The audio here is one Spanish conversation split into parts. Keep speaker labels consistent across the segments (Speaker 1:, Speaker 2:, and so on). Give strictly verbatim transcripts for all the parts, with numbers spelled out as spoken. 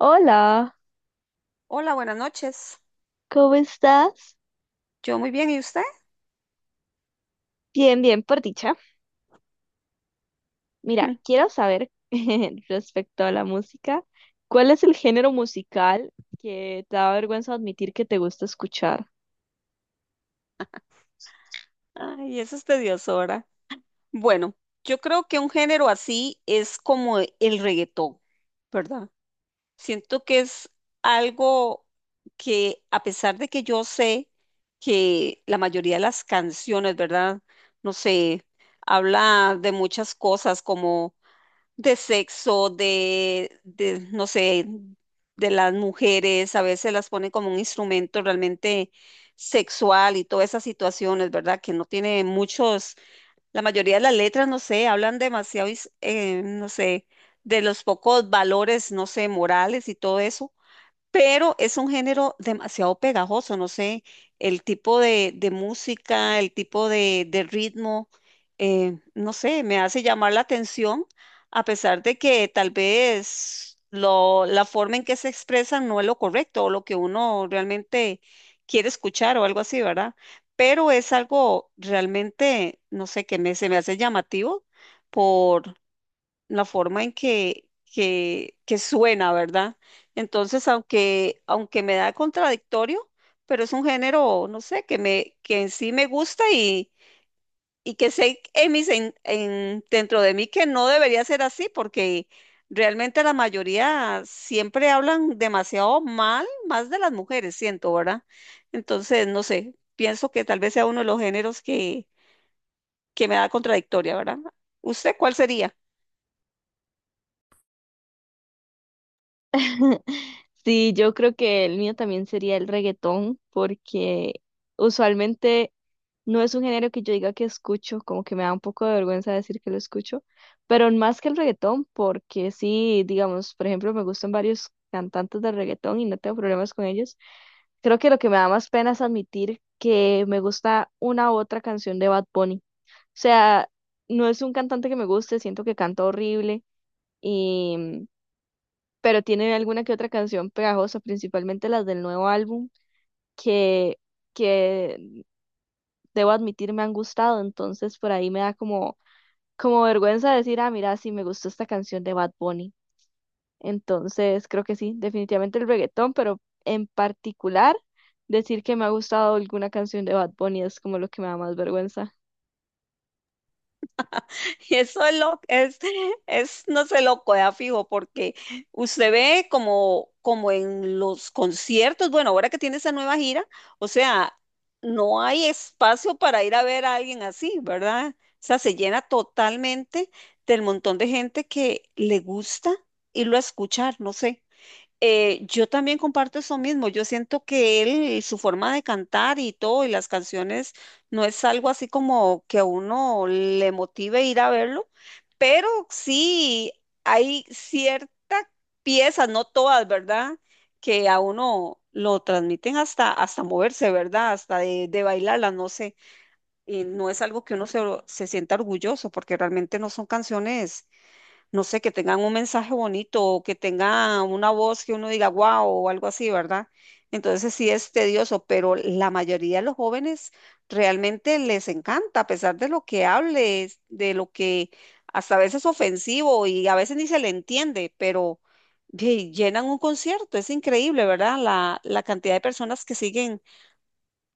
Speaker 1: Hola,
Speaker 2: Hola, buenas noches.
Speaker 1: ¿cómo estás?
Speaker 2: Yo muy bien, ¿y usted?
Speaker 1: Bien, bien, por dicha. Mira, quiero saber respecto a la música, ¿cuál es el género musical que te da vergüenza admitir que te gusta escuchar?
Speaker 2: Ay, eso es tedioso, ¿verdad? Bueno, yo creo que un género así es como el reggaetón, ¿verdad? Siento que es algo que, a pesar de que yo sé que la mayoría de las canciones, ¿verdad? No sé, habla de muchas cosas como de sexo, de, de, no sé, de las mujeres, a veces las ponen como un instrumento realmente sexual y todas esas situaciones, ¿verdad? Que no tiene muchos, la mayoría de las letras, no sé, hablan demasiado, is- eh, no sé, de los pocos valores, no sé, morales y todo eso pero es un género demasiado pegajoso, no sé, el tipo de, de música, el tipo de, de ritmo, eh, no sé, me hace llamar la atención, a pesar de que tal vez lo, la forma en que se expresan no es lo correcto o lo que uno realmente quiere escuchar o algo así, ¿verdad? Pero es algo realmente, no sé, que me, se me hace llamativo la forma en que, que, que suena, ¿verdad? Entonces, aunque, aunque me da contradictorio, pero es un género, no sé, que me, que en sí me gusta y, y que sé en mis, en, en- dentro de mí que no debería ser así, porque realmente la mayoría siempre hablan demasiado mal, más de las mujeres, siento, ¿verdad? Entonces, no sé, pienso que tal vez sea uno de los géneros que, que me da contradictoria, ¿verdad? ¿Usted cuál sería?
Speaker 1: Sí, yo creo que el mío también sería el reggaetón, porque usualmente no es un género que yo diga que escucho, como que me da un poco de vergüenza decir que lo escucho, pero más que el reggaetón, porque sí, digamos, por ejemplo, me gustan varios cantantes de reggaetón y no tengo problemas con ellos. Creo que lo que me da más pena es admitir que me gusta una u otra canción de Bad Bunny. O sea, no es un cantante que me guste, siento que canta horrible, pero tiene alguna que otra canción pegajosa, principalmente las del nuevo álbum, que, que debo admitir me han gustado, entonces por ahí me da como, como vergüenza decir, ah, mira, sí me gustó esta canción de Bad Bunny. Entonces creo que sí, definitivamente el reggaetón, pero en particular decir que me ha gustado alguna canción de Bad Bunny es como lo que me da más vergüenza.
Speaker 2: Y eso es lo es, es no sé, loco, ya fijo, porque usted ve como, como en los conciertos, bueno, ahora que tiene esa nueva gira, o sea, no hay espacio para ir a ver a alguien así, ¿verdad? O sea, se llena totalmente del montón de gente que le gusta irlo a escuchar, no sé. Eh, yo también comparto eso mismo. Yo siento que él, su forma de cantar y todo, y las canciones, no es algo así como que a uno le motive ir a verlo, pero sí hay ciertas piezas, no todas, ¿verdad? Que a uno lo transmiten hasta, hasta moverse, ¿verdad? Hasta de, de bailarlas, no sé. Y no es algo que uno se, se sienta orgulloso, porque realmente no son canciones no sé, que tengan un mensaje bonito o que tengan una voz que uno diga wow o algo así, ¿verdad? Entonces sí es tedioso, pero la mayoría de los jóvenes realmente les encanta, a pesar de lo que hables, de lo que hasta a veces ofensivo y a veces ni se le entiende, pero ye- llenan un concierto, es increíble, ¿verdad? La, la cantidad de personas que siguen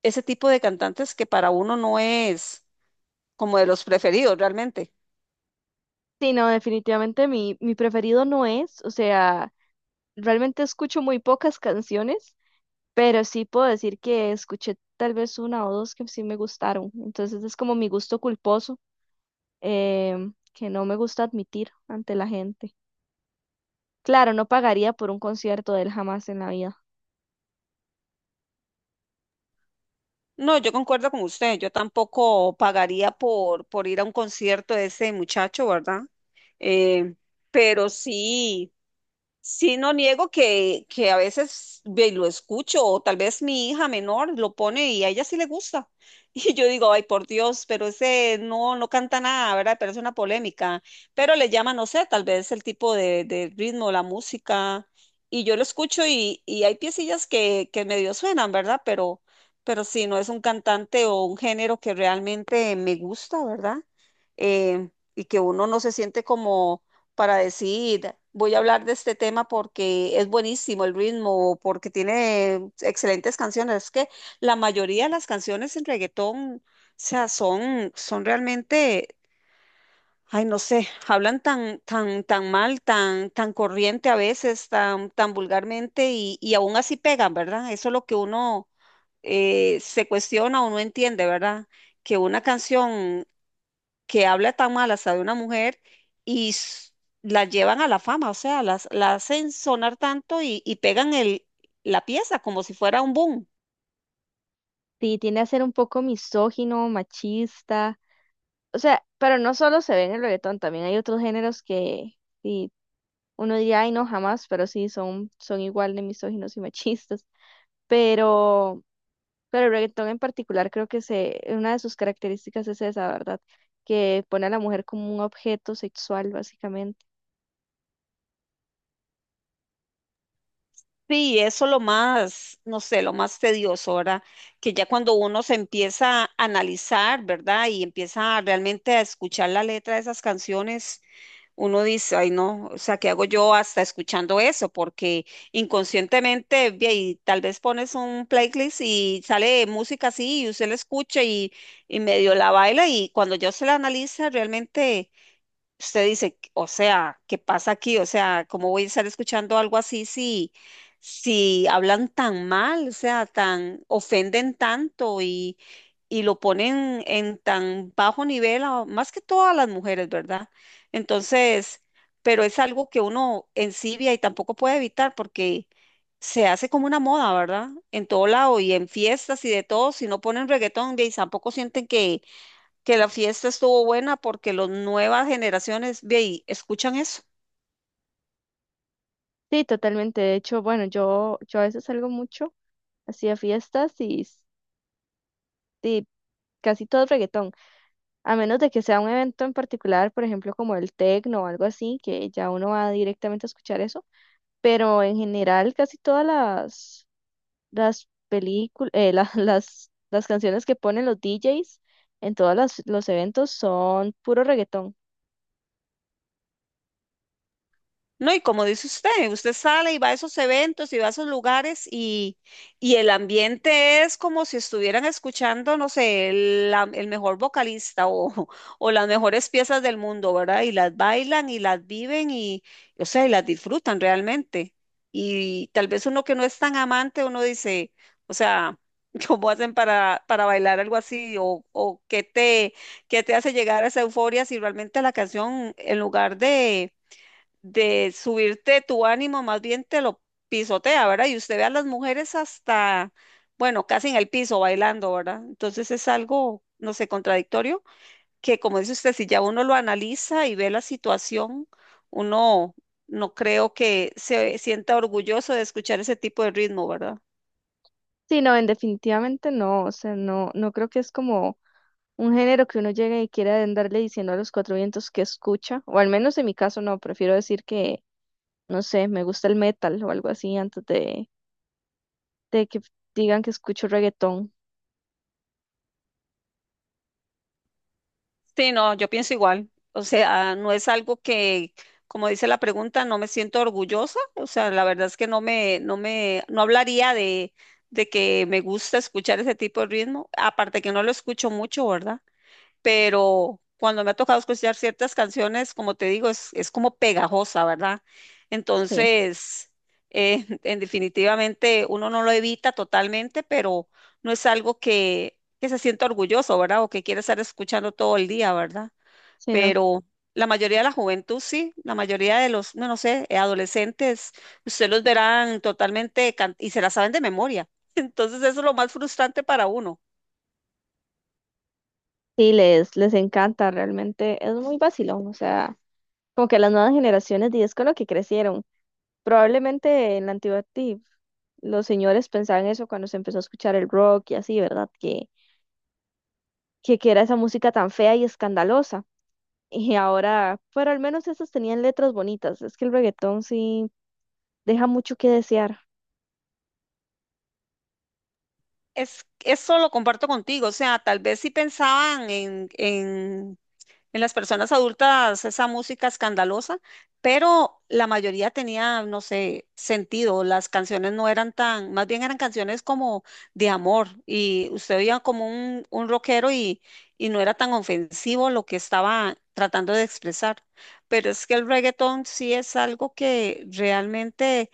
Speaker 2: ese tipo de cantantes que para uno no es como de los preferidos realmente.
Speaker 1: Sí, no, definitivamente mi, mi preferido no es, o sea, realmente escucho muy pocas canciones, pero sí puedo decir que escuché tal vez una o dos que sí me gustaron. Entonces es como mi gusto culposo, em, que no me gusta admitir ante la gente. Claro, no pagaría por un concierto de él jamás en la vida.
Speaker 2: No, yo concuerdo con usted. Yo tampoco pagaría por, por ir a un concierto de ese muchacho, ¿verdad? Eh, pero sí. Sí, no niego que, que a veces ve- lo escucho, o tal vez mi hija menor lo pone y a ella sí le gusta. Y yo digo, ay, por Dios, pero ese no, no canta nada, ¿verdad? Pero es una polémica. Pero le llama, no sé, tal vez el tipo de, de ritmo, la música. Y yo lo escucho y, y hay piecillas que, que medio suenan, ¿verdad? Pero, pero sí, no es un cantante o un género que realmente me gusta, ¿verdad? Eh, y que uno no se siente como para decir, voy a hablar de este tema porque es buenísimo el ritmo, porque tiene excelentes canciones. Es que la mayoría de las canciones en reggaetón, o sea, son, son realmente, ay, no sé, hablan tan, tan, tan mal, tan, tan corriente a veces, tan, tan vulgarmente y, y aún así pegan, ¿verdad? Eso es lo que uno eh, se cuestiona o no entiende, ¿verdad? Que una canción que habla tan mal hasta de una mujer y s- la llevan a la fama, o sea, las, la hacen sonar tanto y, y pegan el, la pieza como si fuera un boom.
Speaker 1: Sí, tiende a ser un poco misógino, machista. O sea, pero no solo se ve en el reggaetón, también hay otros géneros que sí, uno diría, ay, no, jamás, pero sí, son, son igual de misóginos y machistas. Pero Pero el reggaetón en particular creo que se, una de sus características es esa, ¿verdad? Que pone a la mujer como un objeto sexual, básicamente.
Speaker 2: Sí, eso lo más, no sé, lo más tedioso, ¿verdad? Que ya cuando uno se empieza a analizar, ¿verdad? Y empieza realmente a escuchar la letra de esas canciones. Uno dice, ay no, o sea, ¿qué hago yo hasta escuchando eso? Porque inconscientemente, ve ahí, tal vez pones un playlist y sale música así y usted la escucha y, y medio la baila y cuando ya se la analiza, realmente usted dice, o sea, ¿qué pasa aquí? O sea, ¿cómo voy a estar escuchando algo así si, si hablan tan mal, o sea, tan, ofenden tanto y, y lo ponen en tan bajo nivel, a- más que todas las mujeres, ¿verdad? Entonces, pero es algo que uno ensibia y tampoco puede evitar porque se hace como una moda, ¿verdad? En todo lado y en fiestas y de todo, si no ponen reggaetón, de ahí tampoco sienten que que la fiesta estuvo buena porque las nuevas generaciones de ahí escuchan eso.
Speaker 1: Sí, totalmente. De hecho, bueno, yo, yo a veces salgo mucho, así a fiestas y, s- y casi todo es reggaetón. A menos de que sea un evento en particular, por ejemplo, como el techno o algo así, que ya uno va directamente a escuchar eso. Pero en general, casi todas las las películas, las, las canciones que ponen los D Js en todos las- los eventos son puro reggaetón.
Speaker 2: No, y como dice usted, usted sale y va a esos eventos y va a esos lugares y, y el ambiente es como si estuvieran escuchando, no sé, el, la- el mejor vocalista o, o las mejores piezas del mundo, ¿verdad? Y las bailan y las viven y, o sea, y las disfrutan realmente. Y tal vez uno que no es tan amante, uno dice, o sea, ¿cómo hacen para, para bailar algo así? O, o qué te, qué te hace llegar a esa euforia si realmente la canción, en lugar de de subirte tu ánimo, más bien te lo pisotea, ¿verdad? Y usted ve a las mujeres hasta, bueno, casi en el piso bailando, ¿verdad? Entonces es algo, no sé, contradictorio, que como dice usted, si ya uno lo analiza y ve la situación, uno no creo que se sienta orgulloso de escuchar ese tipo de ritmo, ¿verdad?
Speaker 1: Sí, no, en definitivamente no, o sea, no, no, creo que es como un género que uno llegue y quiera andarle diciendo a los cuatro vientos que escucha, o al menos en mi caso no, prefiero decir que, no sé, me gusta el metal o algo así antes de, de que digan que escucho reggaetón.
Speaker 2: Sí, no, yo pienso igual. O sea, no es algo que, como dice la pregunta, no me siento orgullosa. O sea, la verdad es que no me, no me, no hablaría de, de que me gusta escuchar ese tipo de ritmo. Aparte que no lo escucho mucho, ¿verdad? Pero cuando me ha tocado escuchar ciertas canciones, como te digo, es, es como pegajosa, ¿verdad?
Speaker 1: Sí,
Speaker 2: Entonces, eh, en definitivamente uno no lo evita totalmente, pero no es algo que, que se sienta orgulloso, ¿verdad? O que quiere estar escuchando todo el día, ¿verdad?
Speaker 1: sí, no.
Speaker 2: Pero la mayoría de la juventud sí, la mayoría de los, no, no sé, eh, adolescentes, usted los verán totalmente can- y se la saben de memoria. Entonces, eso es lo más frustrante para uno.
Speaker 1: Sí, les, les encanta, realmente es muy vacilón, o sea, como que las nuevas generaciones, y es con lo que crecieron. Probablemente en la antigüedad sí, los señores pensaban eso cuando se empezó a escuchar el rock y así, ¿verdad? Que, que, que era esa música tan fea y escandalosa. Y ahora, pero al menos esas tenían letras bonitas. Es que el reggaetón sí deja mucho que desear.
Speaker 2: Es, eso lo comparto contigo, o sea, tal vez si pensaban en, en, en las personas adultas esa música escandalosa, pero la mayoría tenía, no sé, sentido, las canciones no eran tan, más bien eran canciones como de amor y usted oía como un, un rockero y, y no era tan ofensivo lo que estaba tratando de expresar, pero es que el reggaetón sí es algo que realmente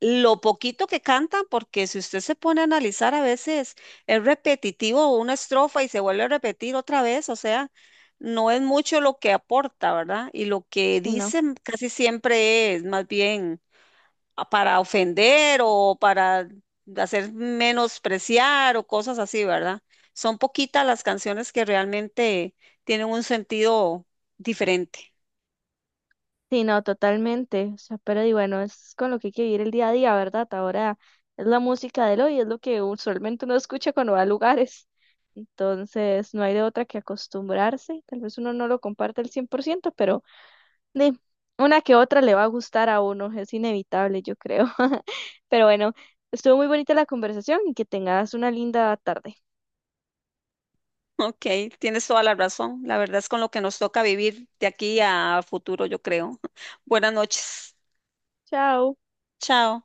Speaker 2: lo poquito que cantan, porque si usted se pone a analizar a veces es repetitivo una estrofa y se vuelve a repetir otra vez, o sea, no es mucho lo que aporta, ¿verdad? Y lo que
Speaker 1: Sí, no.
Speaker 2: dicen casi siempre es más bien ah, para ofender o para hacer menospreciar o cosas así, ¿verdad? Son poquitas las canciones que realmente tienen un sentido diferente.
Speaker 1: Sí, no, totalmente. O sea, pero y bueno, es con lo que hay que vivir el día a día, ¿verdad? Ahora es la música del hoy, es lo que usualmente uno escucha cuando va a lugares. Entonces, no hay de otra que acostumbrarse. Tal vez uno no lo comparte al cien por ciento, pero Di, una que otra le va a gustar a uno, es inevitable, yo creo. Pero bueno, estuvo muy bonita la conversación y que tengas una linda tarde.
Speaker 2: Ok, tienes toda la razón. La verdad es con lo que nos toca vivir de aquí a futuro, yo creo. Buenas noches.
Speaker 1: Chao.
Speaker 2: Chao.